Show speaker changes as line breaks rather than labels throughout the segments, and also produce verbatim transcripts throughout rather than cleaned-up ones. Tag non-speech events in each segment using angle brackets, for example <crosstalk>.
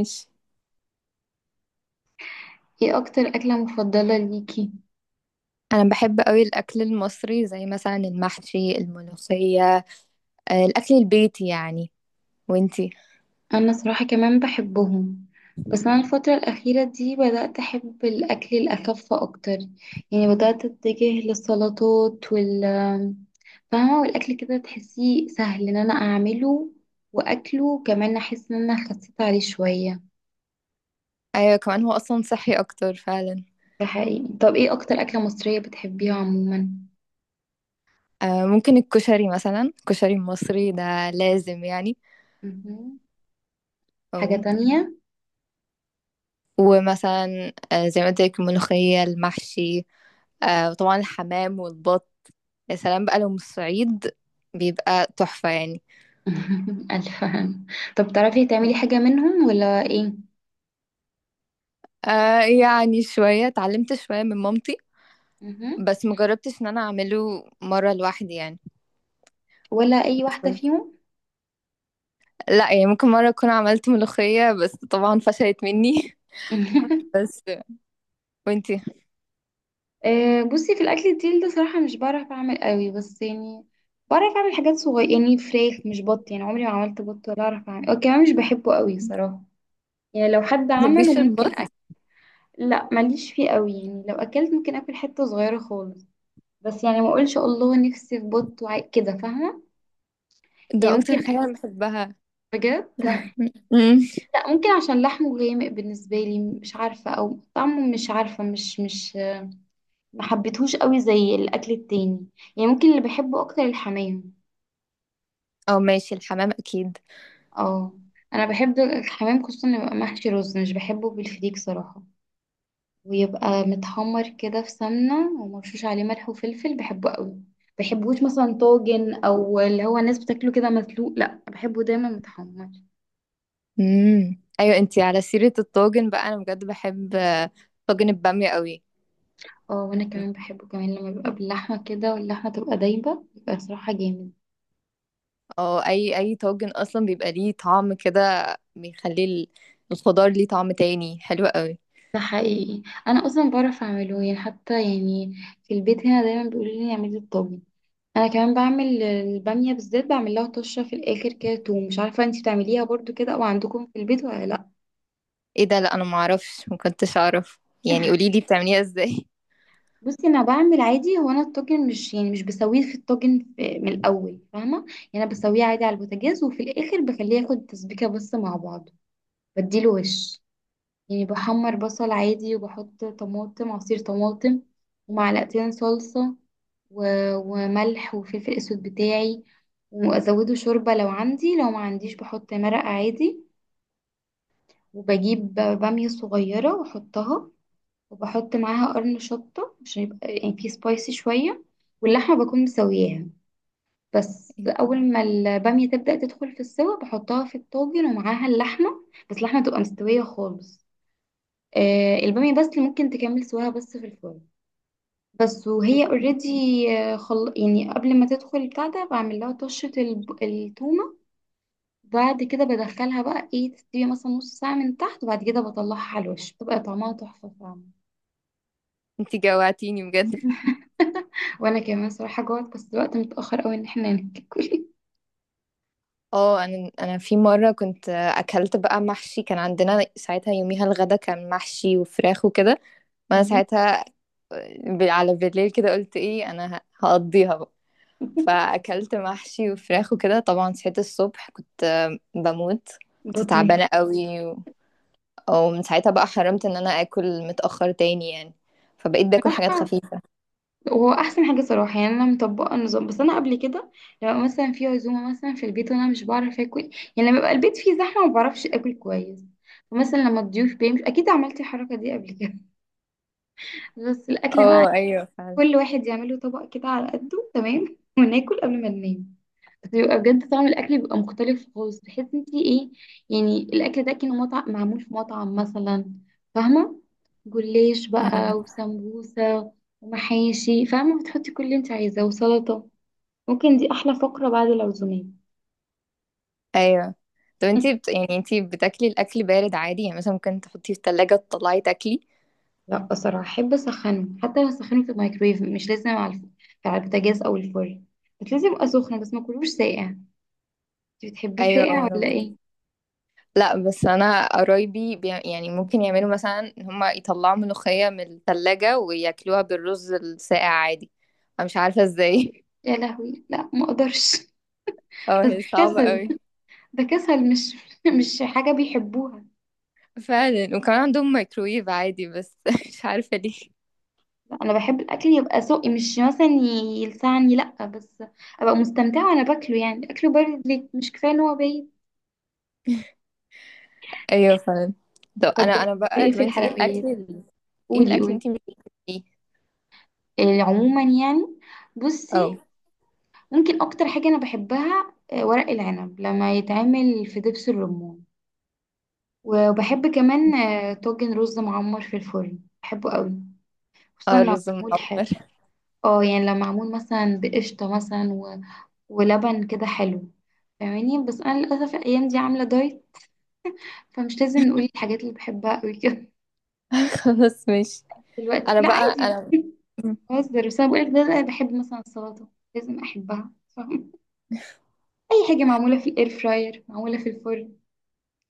ماشي.
ايه اكتر اكلة مفضلة ليكي؟
انا بحب قوي الاكل المصري زي مثلا المحشي الملوخيه. آه، الاكل البيتي يعني. وانتي؟
انا صراحة كمان بحبهم. بس انا الفترة الاخيرة دي بدأت احب الاكل الاخف اكتر. يعني بدأت اتجه للسلطات وال، فاهمة، والاكل كده تحسيه سهل ان انا اعمله. واكله كمان احس ان انا خسيت عليه شوية.
ايوه، كمان هو اصلا صحي اكتر فعلا.
ده حقيقي. طب ايه اكتر اكلة مصرية بتحبيها عموما؟
آه، ممكن الكشري مثلا، الكشري المصري ده لازم يعني.
مهم. حاجة
أو.
تانية؟
ومثلا آه، زي ما قلت لك الملوخيه المحشي، آه، وطبعا الحمام والبط. يا سلام بقى لو من الصعيد، بيبقى تحفه يعني.
<laughs> الفهم. طب تعرفي تعملي حاجة منهم ولا ايه؟
آه، يعني شويه اتعلمت شويه من مامتي.
مهم.
بس مجربتش ان انا اعمله مره لوحدي يعني.
ولا اي واحده فيهم؟
لأ، يعني ممكن مرّة أكون عملت ملوخية، بس طبعًا فشلت منّي. <laughs>
<laughs>
بس وأنتِ ما
آه، بصي، في الاكل التقيل ده صراحه مش بعرف اعمل قوي، بس يعني بعرف اعمل حاجات صغيره، يعني فراخ مش بط، يعني عمري ما عملت بط ولا اعرف اعمل، وكمان مش بحبه قوي صراحه. يعني لو حد عمله
بتحبيش
ممكن
البط؟
اكل. لا ماليش فيه قوي، يعني لو اكلت ممكن اكل حته صغيره خالص. بس يعني ما اقولش الله نفسي في بط وع- كده فاهمه. يعني
ده أكتر
ممكن.
حاجة أنا باحبها.
بجد.
لأ، إمم،
لا ممكن عشان لحمه غامق بالنسبه لي، مش عارفه، او طعمه، مش عارفه، مش مش ما حبيتهوش قوي زي الاكل التاني. يعني ممكن اللي بحبه اكتر الحمام.
آه ماشي، الحمام أكيد.
اه انا بحب الحمام، خصوصا لما يبقى محشي رز، مش بحبه بالفريك صراحه، ويبقى متحمر كده في سمنه ومرشوش عليه ملح وفلفل، بحبه قوي. بحبوش مثلا طاجن، او اللي هو الناس بتاكله كده مسلوق، لا بحبه دايما متحمر.
إمم، أيوه أنتِ على سيرة الطاجن بقى، أنا بجد باحب طاجن البامية أوي.
اه وانا كمان بحبه، كمان لما بيبقى باللحمه كده واللحمه تبقى دايبه، بيبقى صراحه جامد.
آه، أي أي طاجن أصلًا بيبقى ليه طعم كده، بيخلّي ال الخضار ليه طعم تاني، حلو أوي.
ده حقيقي، انا اصلا بعرف اعمله يعني، حتى يعني في البيت هنا دايما بيقولوا لي اعملي الطاجن. انا كمان بعمل الباميه، بالذات بعمل لها طشه في الاخر كده توم. مش عارفه انتي بتعمليها برضو كده او عندكم في البيت ولا لا؟
إيه ده! لأ، أنا ما أعرفش، ما كنتش أعرف، يعني قولي لي بتعمليها إزاي؟
بصي انا بعمل عادي، هو انا الطاجن مش يعني مش بسويه في الطاجن في- من الاول، فاهمه. يعني انا بسويه عادي على البوتاجاز، وفي الاخر بخليه ياخد تسبيكه بس مع بعضه. بديله وش. يعني بحمر بصل عادي، وبحط طماطم، عصير طماطم، ومعلقتين صلصه، و... وملح وفلفل اسود بتاعي، وازوده شوربه لو عندي، لو ما عنديش بحط مرقه عادي، وبجيب بامية صغيرة واحطها، وبحط معاها قرن شطة عشان يبقى يعني في سبايسي شوية. واللحمة بكون مسوياها. بس أول ما البامية تبدأ تدخل في السوا بحطها في الطاجن ومعاها اللحمة، بس اللحمة تبقى مستوية خالص. آه البامية بس اللي ممكن تكمل سواها بس في الفرن. بس وهي اوريدي، خل... يعني قبل ما تدخل البتاع ده بعمل لها طشة الب... التومة. بعد كده بدخلها بقى، ايه، تستوي مثلا نص ساعة من تحت، وبعد كده بطلعها على الوش، بتبقى طعمها تحفة فعلا.
انتي جوعتيني بجد.
<laughs> وانا كمان صراحة جوعت، بس الوقت متأخر قوي ان احنا ناكل.
اه، انا انا في مره كنت اكلت بقى محشي، كان عندنا ساعتها يوميها الغدا كان محشي وفراخ وكده، وانا
مهم.
ساعتها ب- على بالليل كده قلت ايه، انا ه- هقضيها بقى، فاكلت محشي وفراخ وكده. طبعا صحيت الصبح كنت بموت، كنت
بطنك
تعبانه قوي. ومن ساعتها بقى حرمت ان انا اكل متأخر تاني يعني، فبقيت باكل حاجات
صراحة
خفيفة.
هو احسن حاجة صراحة. يعني انا مطبقة النظام، بس انا قبل كده لو مثلا في عزومة مثلا في البيت وانا مش بعرف اكل، يعني لما بيبقى البيت فيه زحمة ما بعرفش اكل كويس، ومثلا لما الضيوف بيمشوا اكيد عملت الحركة دي قبل كده. <laughs> بس الاكل بقى
اه ايوه فعلا.
كل واحد يعمله طبق كده على قده تمام، وناكل قبل ما ننام. بس بيبقى بجد طعم الاكل بيبقى مختلف خالص، تحس انت ايه، يعني الاكل ده كان مطعم، معمول في مطعم مثلا، فاهمه. جلاش بقى
مم.
وسمبوسه ومحاشي، فاهمه بتحطي كل اللي انت عايزاه وسلطه. ممكن دي احلى فقره بعد العزومات.
ايوه، طب انتي
<laughs>
بت... يعني انتي بتاكلي الاكل بارد عادي؟ يعني مثلا ممكن تحطيه في التلاجة تطلعي تاكلي؟
لا بصراحه احب اسخنه، حتى لو اسخنه في الميكرويف، مش لازم على الف- على البوتاجاز او الفرن، بس لازم يبقى سخن، بس ما كلوش ساقع. انت بتحبيه
ايوه
ساقع
وانا
ولا
برضه.
ايه؟
لا، بس انا قرايبي بي... يعني ممكن يعملوا مثلا ان هما يطلعوا ملوخية من التلاجة وياكلوها بالرز الساقع عادي. انا مش عارفة ازاي.
يا لهوي لا ما اقدرش. <laughs>
<laughs> اه،
بس ده
هي صعبة
كسل،
قوي
ده كسل مش <laughs> مش حاجة بيحبوها.
فعلا. وكمان عندهم مايكرويف عادي بس. <laughs> مش عارفة.
لا، انا بحب الاكل يبقى ذوقي، مش مثلا ي- يلسعني، لا، بس ابقى مستمتعة وانا باكله. يعني اكله بارد ليه؟ مش كفاية ان هو بايت.
ايوه فعلا. طب
طب
انا
بتحبي
انا بقى
ايه
طب
في
انتي ايه
الحلويات؟
الاكل ال- ايه
قولي
الاكل
قولي.
انتي مش بتحبيه؟
إيه عموما يعني؟
اه.
بصي، ممكن اكتر حاجة انا بحبها آه، ورق العنب لما يتعمل في دبس الرمان. وبحب كمان آه، طاجن رز معمر في الفرن، بحبه قوي، خصوصا
اه،
لو
الرز
معمول حلو.
المعمر.
اه يعني لو معمول مثلا بقشطة مثلا و... ولبن كده حلو، فاهماني. بس انا للاسف الايام دي عامله دايت، فمش لازم نقول الحاجات اللي بحبها قوي كده.
<laughs> خلاص ماشي.
<laughs> دلوقتي
انا
لا
بقى
عادي،
انا
بهزر. بس انا بقولك ده انا بحب مثلا السلطه، لازم احبها، فاهم. اي حاجه معموله في الاير فراير، معموله في الفرن،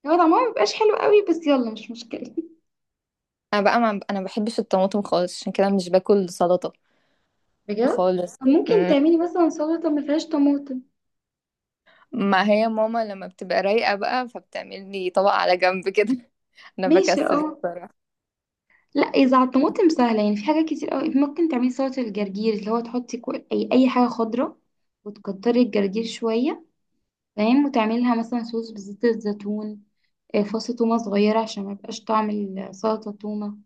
هو طعمها مبيبقاش حلو قوي، بس يلا مش مشكله.
انا بقى، ما انا ما بحبش الطماطم خالص، عشان كده مش باكل سلطة
<laughs> بجد؟
خالص.
طب ممكن
مم.
تعملي مثلا سلطه ما فيهاش طماطم.
ما هي ماما لما بتبقى رايقة بقى فبتعمل لي طبق على جنب كده. <laughs> انا
ماشي
بكسل
اه.
بصراحة.
لا اذا على الطماطم سهله، يعني في حاجات كتير قوي ممكن تعملي. سلطه الجرجير، اللي هو تحطي كو- اي اي حاجه خضراء، وتكتري الجرجير شويه، تمام، وتعملي لها مثلا صوص بزيت الزيتون، آه، فص تومه صغيره عشان ما يبقاش طعم السلطه تومه،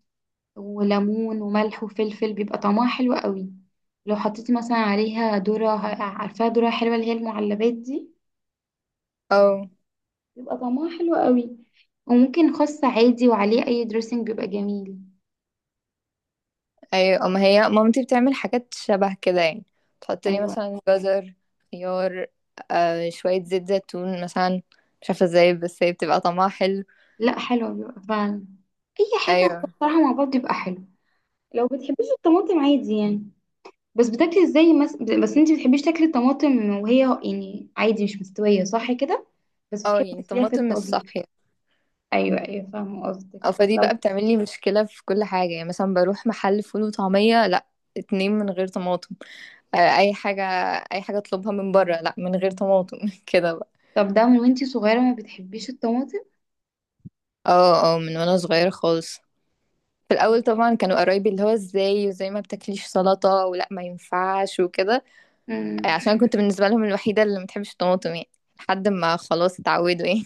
وليمون وملح وفلفل، بيبقى طعمها حلو قوي. لو حطيتي مثلا عليها ذره، عارفاها ذره حلوه، اللي هي المعلبات دي،
اه
بيبقى طعمها حلو قوي. وممكن خس عادي وعليه اي دريسنج، بيبقى جميل.
ايوه، ما هي مامتي بتعمل حاجات شبه كده يعني، تحط لي
ايوه،
مثلا جزر، خيار، آه شوية زيت زيتون مثلا. مش عارفة ازاي بس هي بتبقى طعمها حلو.
لا حلو بيبقى فعلا، اي حاجه
ايوه،
بصراحه مع بعض بيبقى حلو. لو بتحبيش الطماطم عادي يعني، بس بتاكلي ازاي مس... بس انت بتحبيش تاكلي الطماطم وهي يعني عادي مش مستويه صح كده، بس
اه
بتحبي
يعني
تاكليها في
طماطم مش
الطبيخ.
صاحية.
ايوه ايوه فاهمه قصدك،
او
بس
فدي
لو.
بقى بتعمل لي مشكلة في كل حاجة، يعني مثلا بروح محل فول وطعمية، لا، اتنين من غير طماطم. آه اي حاجة، اي حاجة اطلبها من بره لا من غير طماطم. <laughs> كده بقى.
طب ده من وانتي صغيره ما بتحبيش الطماطم؟
اه، اه، من وانا صغيرة خالص. في الاول طبعا كانوا قرايبي اللي هو ازاي، وزي ما بتاكليش سلطة ولا ما ينفعش وكده، آه،
امم.
عشان كنت بالنسبة لهم الوحيدة اللي ما بتحبش الطماطم يعني، لحد ما خلاص اتعودوا يعني.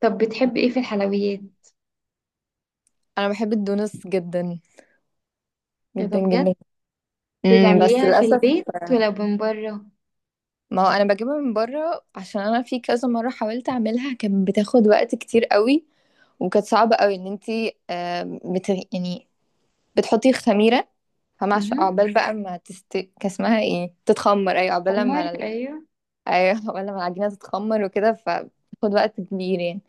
طب بتحبي ايه في الحلويات؟
انا بحب الدونس جدا،
ايه ده؟
جدا
بجد؟
جدا. امم، بس
بتعمليها في
للاسف.
البيت
آه،
ولا من بره؟
ما هو انا بجيبها من بره، عشان انا في كذا مرة حاولت اعملها، كانت بتاخد وقت كتير قوي، وكانت صعبة قوي ان انتي آه، بت... يعني بتحطي خميرة، فما عش-
امم.
عقبال بقى ما تست كان اسمها ايه تتخمر، ايوه عقبال
عمر.
ما ال-
ايوه.
ايوه عقبال ما العجينة تتخمر وكده، فبتاخد وقت كبير يعني،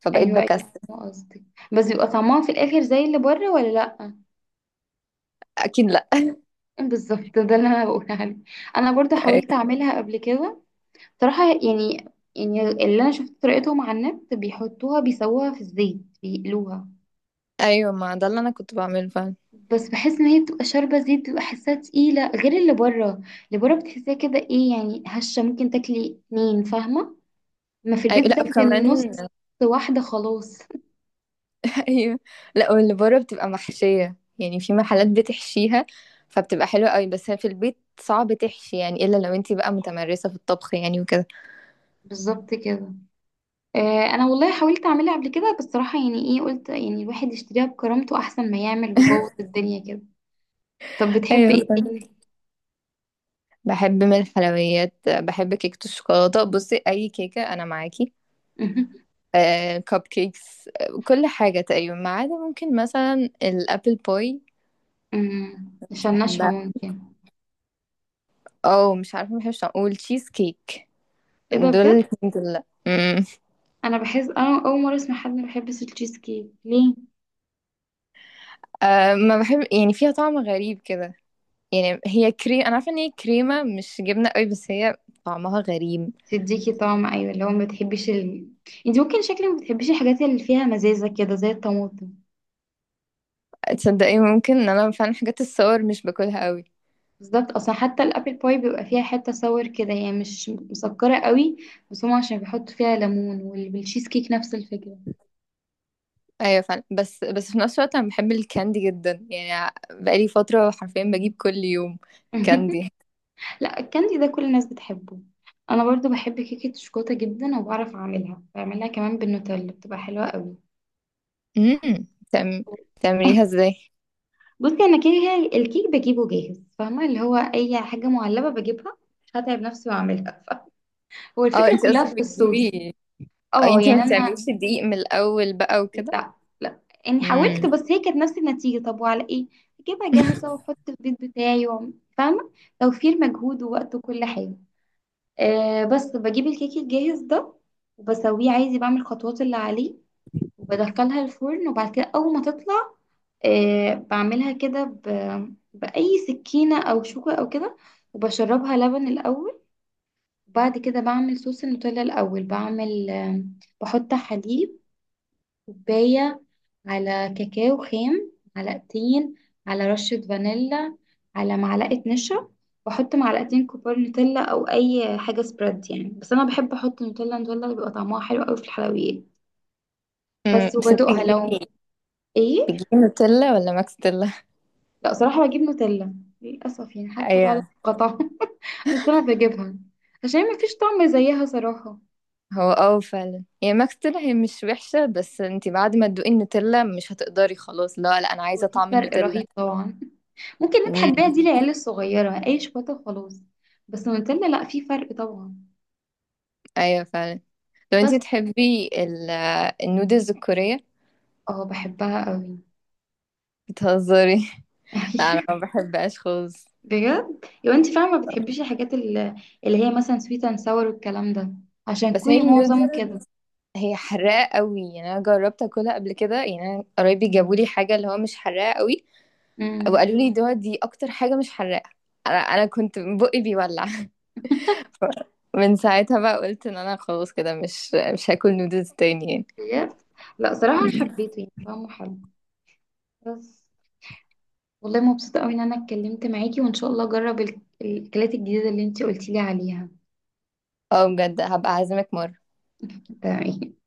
فبقيت
ايوه ايوه
بكسل.
فاهمة قصدك، بس بيبقى طعمها في الاخر زي اللي بره ولا لا؟
اكيد.
بالظبط، ده اللي انا بقولها لك. انا برضو حاولت
لا.
اعملها قبل كده صراحه يعني يعني اللي انا شفت طريقتهم على النت بيحطوها، بيسووها في الزيت بيقلوها.
ايوه، ما ده اللي انا كنت بعمله فعلا.
بس بحس ان هي بتبقى شاربه زيت، بتبقى حاساها تقيله غير اللي بره. اللي بره بتحسيها كده ايه يعني، هشه، ممكن تاكلي اتنين فاهمه. ما في
ايوه.
البيت
لا
بتاكلي النص،
وكمان.
واحده خلاص.
<laughs> ايوه. لا، واللي بره بتبقى محشيه يعني، في محلات بتحشيها فبتبقى حلوه قوي، بس هي في البيت صعب تحشي يعني، الا لو انتي بقى متمرسه في الطبخ يعني وكده.
بالظبط كده. آه انا والله حاولت اعملها قبل كده، بس صراحه يعني ايه، قلت يعني الواحد يشتريها بكرامته احسن ما يعمل بيبوظ الدنيا كده. طب بتحب
ايوه
ايه
فعلا.
تاني؟
بحب من الحلويات، بحب كيكه الشوكولاته، بصي اي كيكه انا معاكي.
مهم.
آه، كب كيكس، آه، كل حاجه تقريبا، ما عدا ممكن مثلا الابل باي،
مم.
مش
عشان ناشفة
بحبها.
ممكن.
او مش عارفه، مش هقول تشيز كيك.
ايه ده؟
دول
بجد؟
الاتنين دول لا.
انا بحس انا اول مرة اسمع حد ما بيحبش التشيز كيك، ليه؟
أه، ما بحب، يعني فيها طعم غريب كده، يعني هي كريم، انا عارفه ان هي كريمه مش جبنه قوي، بس هي طعمها غريب.
تديكي طعم ايوه، اللي هو ما بتحبيش ال... انت ممكن شكلك ما بتحبيش الحاجات اللي فيها مزازة كده زي الطماطم.
تصدقي ممكن ان انا فعلا حاجات الصور مش باكلها قوي.
بالظبط، اصلا حتى الابل باي بيبقى فيها حتة صور كده، هي يعني مش مسكرة قوي، بس هم عشان بيحطوا فيها ليمون، والتشيز كيك نفس الفكرة.
ايوه فعلا. بس بس في نفس الوقت انا بحب الكاندي جدا، يعني بقالي فتره حرفيا بجيب كل يوم
<laughs>
كاندي.
لا الكاندي ده كل الناس بتحبه. انا برضو بحب كيكة الشوكولاتة جدا، وبعرف اعملها، بعملها كمان بالنوتيلا بتبقى حلوة قوي.
امم. تعم...
<laughs>
تعمليها ازاي؟
بصي انا كده الكيك بجيبه جاهز، فاهمه اللي هو اي حاجه معلبه بجيبها، مش هتعب نفسي واعملها. <laughs> هو
اه
الفكره
انت
كلها
قصدك
في الصوص.
بتجيبي؟ اه
اه
انت ما
يعني انا
بتعمليش الدقيق من الاول بقى وكده؟
لا لا يعني حاولت،
امم.
بس هي كانت نفس النتيجه، طب وعلى ايه؟ اجيبها جاهزه واحط في البيت بتاعي وأعمل- فاهمه، توفير مجهود ووقت وكل حاجه. أه بس بجيب الكيك الجاهز ده وبسويه عادي، بعمل الخطوات اللي عليه وبدخلها الفرن. وبعد كده اول ما تطلع، آه بعملها كده ب... بأي سكينة أو شوكة أو كده، وبشربها لبن الأول. وبعد كده بعمل صوص النوتيلا. الأول بعمل آه، بحط حليب، كوباية، على كاكاو خام معلقتين، على رشة فانيلا، على معلقة نشا، بحط معلقتين كبار نوتيلا أو أي حاجة سبريد يعني، بس أنا بحب أحط نوتيلا. نوتيلا بيبقى طعمها حلو أوي في الحلويات.
امم،
بس
بس انت
وبدوقها لو.
بتجيبي،
إيه؟
بتجيبي نوتيلا ولا ماكس تيلا؟
لا صراحة بجيب نوتيلا، للأسف يعني حتى بعد
ايوه.
القطع. <laughs> بس أنا بجيبها عشان مفيش طعم زيها صراحة.
هو اه فعلا، يعني ماكس تيلا هي مش وحشة، بس انتي بعد ما تدوقي النوتيلا مش هتقدري، خلاص لا لا، انا عايزة
وفي
طعم
فرق
النوتيلا.
رهيب طبعا، ممكن نضحك
امم.
بيها دي العيال الصغيرة أي شوكولاتة وخلاص، بس نوتيلا لا، في فرق طبعا.
ايوه فعلا. لو
بس
انتي بتحبي ال- آه، النودلز الكورية؟
اه بحبها قوي. <laughs>
بتهزري؟ <laughs> لا انا
أيوه.
ما بحبهاش خالص.
بجد لو انت فاهمة ما بتحبيش الحاجات ال- اللي هي مثلا سويت اند ساور والكلام ده، عشان
بس هي
كوري معظمه
النودل
كده.
هي حراقة قوي، يعني انا جربت اكلها قبل كده، يعني انا قرايبي جابوا لي حاجة اللي هو مش حراقة قوي،
امم.
وقالوا لي دي دي اكتر حاجة مش حراقة، انا انا كنت بقي بيولع. من ساعتها بقى قلت ان انا خلاص كده مش مش هاكل نودلز تاني يعني.
بجد؟ لا صراحة
مم.
حبيته، يعني طعمه حلو. بس والله مبسوطة قوي ان انا اتكلمت معاكي، وان شاء الله اجرب ال- الاكلات الجديدة اللي انتي قلتي لي عليها.
اه بجد، هبقى اعزمك مرة.
تمام.